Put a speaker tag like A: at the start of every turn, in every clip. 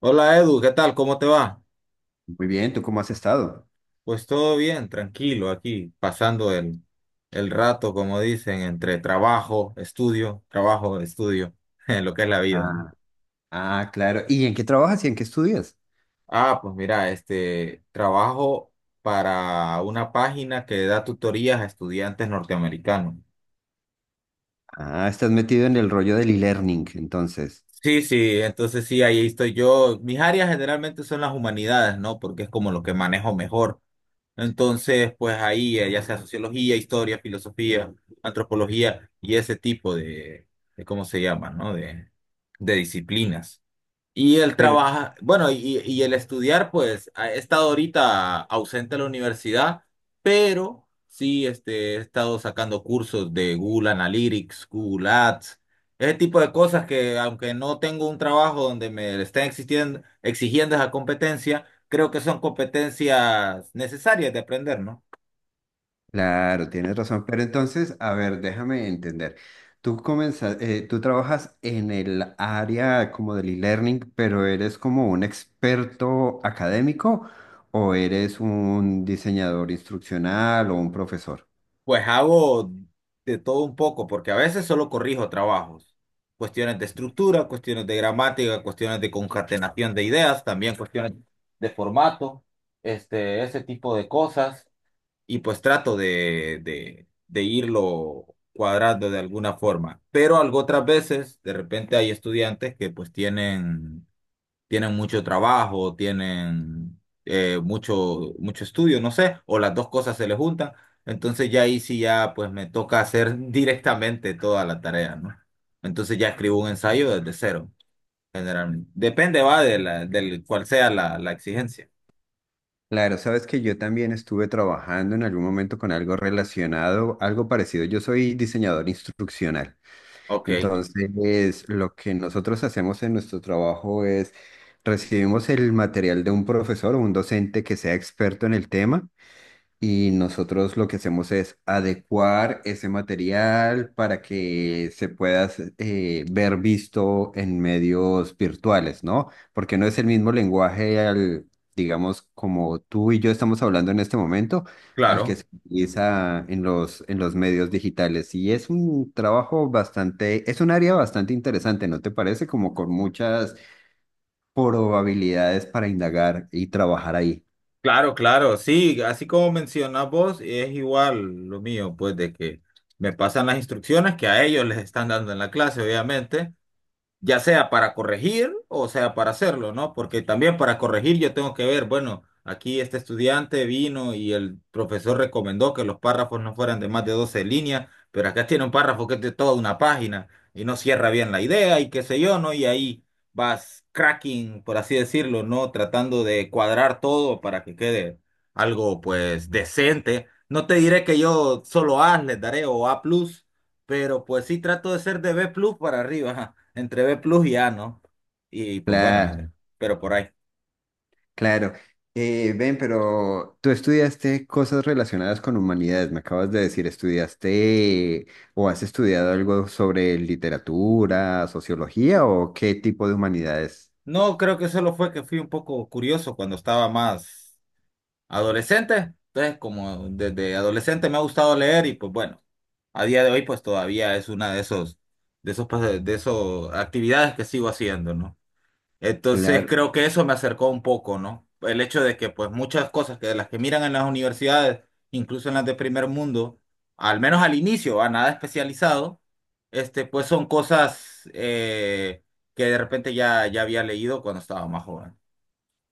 A: Hola Edu, ¿qué tal? ¿Cómo te va?
B: Muy bien, ¿tú cómo has estado?
A: Pues todo bien, tranquilo aquí, pasando el rato, como dicen, entre trabajo, estudio, en lo que es la vida, ¿no?
B: Ah, claro. ¿Y en qué trabajas y en qué estudias?
A: Ah, pues mira, trabajo para una página que da tutorías a estudiantes norteamericanos.
B: Ah, estás metido en el rollo del e-learning, entonces.
A: Sí, sí, entonces sí, ahí estoy yo. Mis áreas generalmente son las humanidades, ¿no? Porque es como lo que manejo mejor. Entonces, pues ahí, ya sea sociología, historia, filosofía, antropología y ese tipo de ¿cómo se llama, no? De disciplinas. Y él
B: Pero,
A: trabaja, bueno, y el estudiar, pues, he estado ahorita ausente de la universidad, pero sí, he estado sacando cursos de Google Analytics, Google Ads, ese tipo de cosas que, aunque no tengo un trabajo donde me estén exigiendo esa competencia, creo que son competencias necesarias de aprender, ¿no?
B: claro, tienes razón. Pero entonces, a ver, déjame entender. Tú comenzas, tú trabajas en el área como del e-learning, pero ¿eres como un experto académico o eres un diseñador instruccional o un profesor?
A: Pues hago de todo un poco, porque a veces solo corrijo trabajos. Cuestiones de estructura, cuestiones de gramática, cuestiones de concatenación de ideas, también cuestiones de formato, ese tipo de cosas. Y pues trato de irlo cuadrando de alguna forma. Pero algo otras veces, de repente hay estudiantes que pues tienen mucho trabajo, tienen mucho, mucho estudio, no sé, o las dos cosas se les juntan. Entonces ya ahí sí ya pues me toca hacer directamente toda la tarea, ¿no? Entonces ya escribo un ensayo desde cero, generalmente. Depende, va, de del cuál sea la exigencia.
B: Claro, sabes que yo también estuve trabajando en algún momento con algo relacionado, algo parecido. Yo soy diseñador instruccional.
A: Ok,
B: Entonces, lo que nosotros hacemos en nuestro trabajo es recibimos el material de un profesor o un docente que sea experto en el tema. Y nosotros lo que hacemos es adecuar ese material para que se pueda ver visto en medios virtuales, ¿no? Porque no es el mismo lenguaje al, digamos, como tú y yo estamos hablando en este momento, al que
A: claro,
B: se utiliza en los medios digitales. Y es un trabajo bastante, es un área bastante interesante, ¿no te parece? Como con muchas probabilidades para indagar y trabajar ahí.
A: claro, claro. Sí, así como mencionas vos, es igual lo mío, pues de que me pasan las instrucciones que a ellos les están dando en la clase, obviamente. Ya sea para corregir o sea para hacerlo, ¿no? Porque también para corregir yo tengo que ver, bueno, aquí este estudiante vino y el profesor recomendó que los párrafos no fueran de más de 12 líneas, pero acá tiene un párrafo que es de toda una página y no cierra bien la idea y qué sé yo, ¿no? Y ahí vas cracking, por así decirlo, ¿no? Tratando de cuadrar todo para que quede algo pues decente. No te diré que yo solo A les daré o A+, pero pues sí trato de ser de B plus para arriba, ajá, entre B plus y A, ¿no? Y pues bueno,
B: La-
A: pero por ahí.
B: Claro. Ven, pero tú estudiaste cosas relacionadas con humanidades, me acabas de decir, ¿estudiaste o has estudiado algo sobre literatura, sociología o qué tipo de humanidades?
A: No, creo que solo fue que fui un poco curioso cuando estaba más adolescente. Entonces, como desde adolescente me ha gustado leer y pues bueno, a día de hoy pues todavía es una de esos, de esos actividades que sigo haciendo, ¿no? Entonces
B: Claro.
A: creo que eso me acercó un poco, ¿no? El hecho de que pues muchas cosas que de las que miran en las universidades, incluso en las de primer mundo, al menos al inicio, a nada especializado, pues son cosas que de repente ya había leído cuando estaba más joven.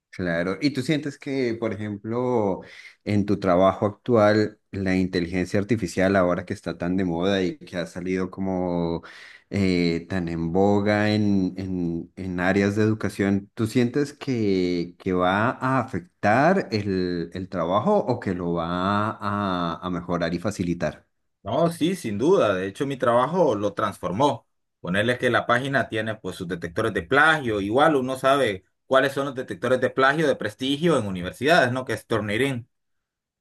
B: Claro, ¿y tú sientes que, por ejemplo, en tu trabajo actual, la inteligencia artificial, ahora que está tan de moda y que ha salido como tan en boga en áreas de educación, ¿tú sientes que va a afectar el trabajo o que lo va a mejorar y facilitar?
A: No, sí, sin duda. De hecho, mi trabajo lo transformó. Ponerle que la página tiene pues sus detectores de plagio. Igual uno sabe cuáles son los detectores de plagio de prestigio en universidades, ¿no? Que es Turnitin.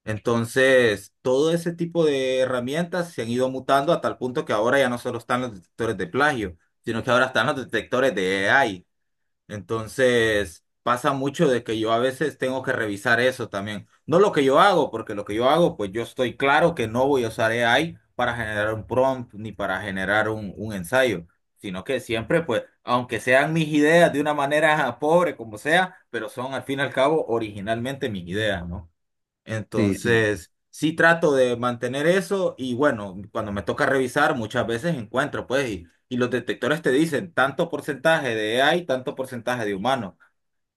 A: Entonces, todo ese tipo de herramientas se han ido mutando a tal punto que ahora ya no solo están los detectores de plagio, sino que ahora están los detectores de AI. Entonces, pasa mucho de que yo a veces tengo que revisar eso también. No lo que yo hago, porque lo que yo hago, pues yo estoy claro que no voy a usar AI para generar un prompt ni para generar un ensayo, sino que siempre, pues, aunque sean mis ideas de una manera pobre como sea, pero son al fin y al cabo originalmente mis ideas, ¿no?
B: Sí, sí.
A: Entonces, sí trato de mantener eso y bueno, cuando me toca revisar, muchas veces encuentro, pues, y los detectores te dicen tanto porcentaje de AI, tanto porcentaje de humano.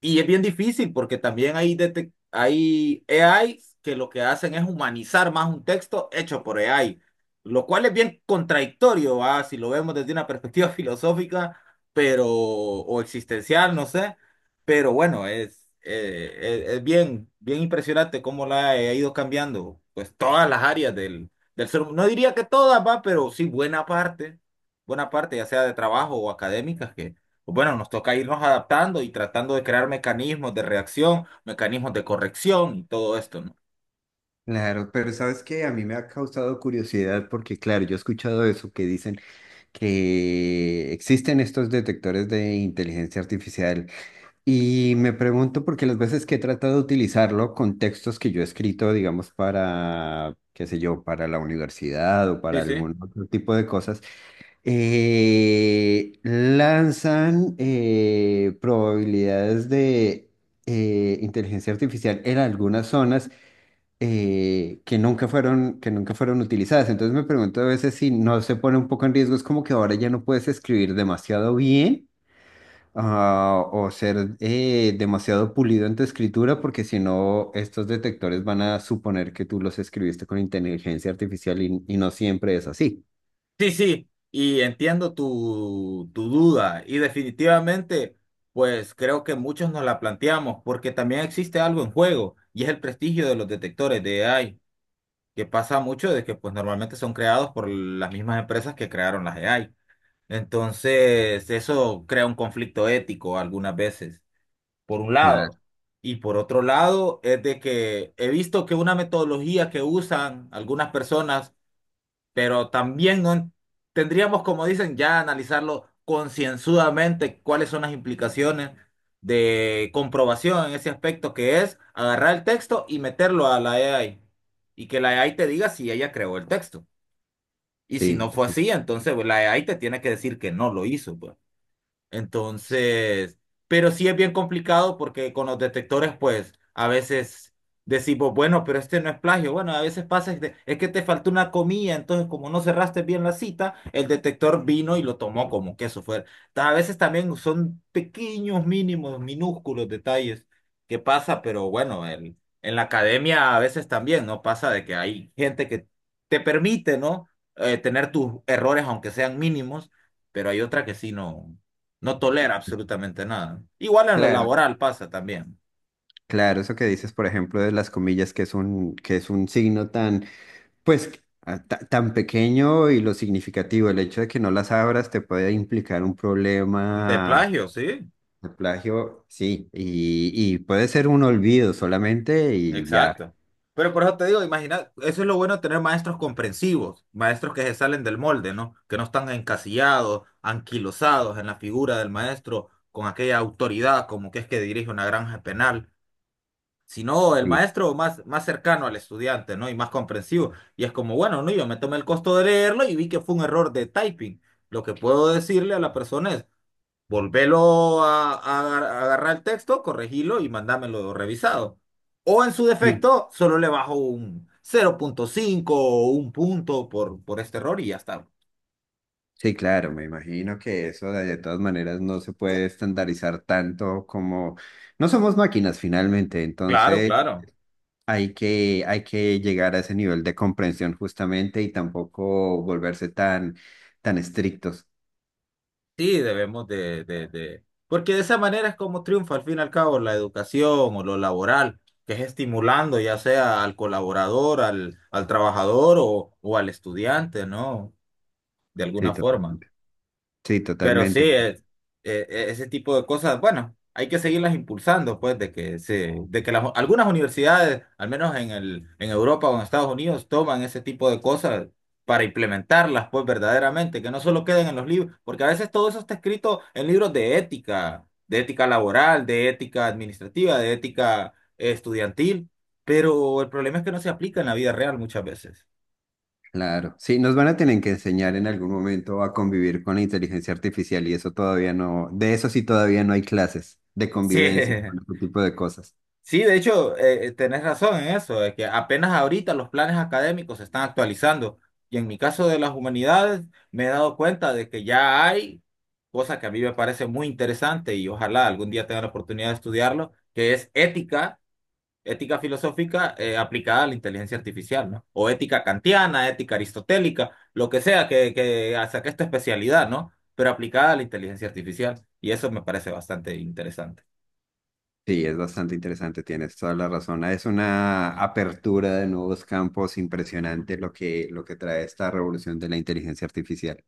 A: Y es bien difícil porque también hay AIs que lo que hacen es humanizar más un texto hecho por AI, lo cual es bien contradictorio, ¿va? Si lo vemos desde una perspectiva filosófica, pero, o existencial, no sé. Pero bueno, es bien, bien impresionante cómo la AI ha ido cambiando, pues todas las áreas del, del ser humano. No diría que todas, va, pero sí buena parte, ya sea de trabajo o académicas, bueno, nos toca irnos adaptando y tratando de crear mecanismos de reacción, mecanismos de corrección y todo esto, ¿no?
B: Claro, pero sabes que a mí me ha causado curiosidad porque, claro, yo he escuchado eso que dicen, que existen estos detectores de inteligencia artificial y me pregunto porque las veces que he tratado de utilizarlo con textos que yo he escrito, digamos, para, qué sé yo, para la universidad o
A: Sí,
B: para
A: sí.
B: algún otro tipo de cosas, lanzan probabilidades de inteligencia artificial en algunas zonas que nunca fueron utilizadas. Entonces me pregunto a veces si no se pone un poco en riesgo, es como que ahora ya no puedes escribir demasiado bien o ser demasiado pulido en tu escritura, porque si no, estos detectores van a suponer que tú los escribiste con inteligencia artificial y no siempre es así.
A: Sí, sí, y entiendo tu duda y definitivamente, pues creo que muchos nos la planteamos porque también existe algo en juego y es el prestigio de los detectores de AI, que pasa mucho de que pues normalmente son creados por las mismas empresas que crearon las AI. Entonces, eso crea un conflicto ético algunas veces, por un
B: Claro,
A: lado. Y por otro lado, es de que he visto que una metodología que usan algunas personas, pero también no en- tendríamos, como dicen, ya analizarlo concienzudamente cuáles son las implicaciones de comprobación en ese aspecto, que es agarrar el texto y meterlo a la AI. Y que la AI te diga si ella creó el texto. Y si no
B: sí.
A: fue así, entonces pues, la AI te tiene que decir que no lo hizo, pues. Entonces, pero sí es bien complicado porque con los detectores, pues a veces decimos, bueno, pero este no es plagio. Bueno, a veces pasa, es que te faltó una comilla entonces como no cerraste bien la cita, el detector vino y lo tomó como que eso fuera. A veces también son pequeños, mínimos, minúsculos detalles que pasa, pero bueno, en la academia a veces también, ¿no? Pasa de que hay gente que te permite, ¿no? Tener tus errores, aunque sean mínimos, pero hay otra que sí, no. No tolera absolutamente nada. Igual en lo
B: Claro.
A: laboral pasa también.
B: Claro, eso que dices, por ejemplo, de las comillas, que es que es un signo tan tan pequeño y lo significativo, el hecho de que no las abras te puede implicar un
A: De
B: problema
A: plagio, sí,
B: de plagio, sí, y puede ser un olvido solamente y ya.
A: exacto. Pero por eso te digo, imagina, eso es lo bueno de tener maestros comprensivos, maestros que se salen del molde, ¿no? Que no están encasillados, anquilosados en la figura del maestro con aquella autoridad como que es que dirige una granja penal, sino el
B: Sí,
A: maestro más, más cercano al estudiante, ¿no? Y más comprensivo. Y es como, bueno, no, yo me tomé el costo de leerlo y vi que fue un error de typing. Lo que puedo decirle a la persona es volvelo a agarrar el texto, corregilo y mandámelo revisado. O en su
B: sí.
A: defecto, solo le bajo un 0.5 o un punto por este error y ya está.
B: Sí, claro, me imagino que eso de todas maneras no se puede estandarizar tanto como no somos máquinas finalmente,
A: Claro,
B: entonces
A: claro.
B: hay que llegar a ese nivel de comprensión justamente y tampoco volverse tan, tan estrictos.
A: Sí, debemos de Porque de esa manera es como triunfa al fin y al cabo la educación o lo laboral, que es estimulando ya sea al colaborador, al trabajador o al estudiante, ¿no? De
B: Sí,
A: alguna
B: total.
A: forma.
B: Sí,
A: Pero sí,
B: totalmente.
A: ese tipo de cosas, bueno, hay que seguirlas impulsando, pues, de que de que algunas universidades, al menos en en Europa o en Estados Unidos, toman ese tipo de cosas para implementarlas, pues, verdaderamente, que no solo queden en los libros, porque a veces todo eso está escrito en libros de ética laboral, de ética administrativa, de ética estudiantil, pero el problema es que no se aplica en la vida real muchas veces.
B: Claro. Sí, nos van a tener que enseñar en algún momento a convivir con la inteligencia artificial y eso todavía no, de eso sí todavía no hay clases de
A: Sí.
B: convivencia con este tipo de cosas.
A: Sí, de hecho, tenés razón en eso, de que apenas ahorita los planes académicos se están actualizando. Y en mi caso de las humanidades, me he dado cuenta de que ya hay cosa que a mí me parece muy interesante y ojalá algún día tenga la oportunidad de estudiarlo, que es ética, ética filosófica aplicada a la inteligencia artificial, ¿no? O ética kantiana, ética aristotélica, lo que sea que saque esta especialidad, ¿no? Pero aplicada a la inteligencia artificial. Y eso me parece bastante interesante.
B: Sí, es bastante interesante, tienes toda la razón. Es una apertura de nuevos campos impresionante lo que trae esta revolución de la inteligencia artificial.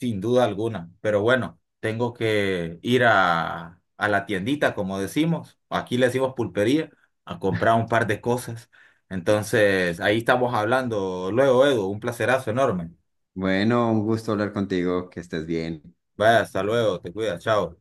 A: Sin duda alguna, pero bueno, tengo que ir a la tiendita, como decimos, aquí le decimos pulpería, a comprar un par de cosas. Entonces, ahí estamos hablando luego, Edu, un placerazo enorme.
B: Bueno, un gusto hablar contigo, que estés bien.
A: Vaya, hasta luego, te cuidas, chao.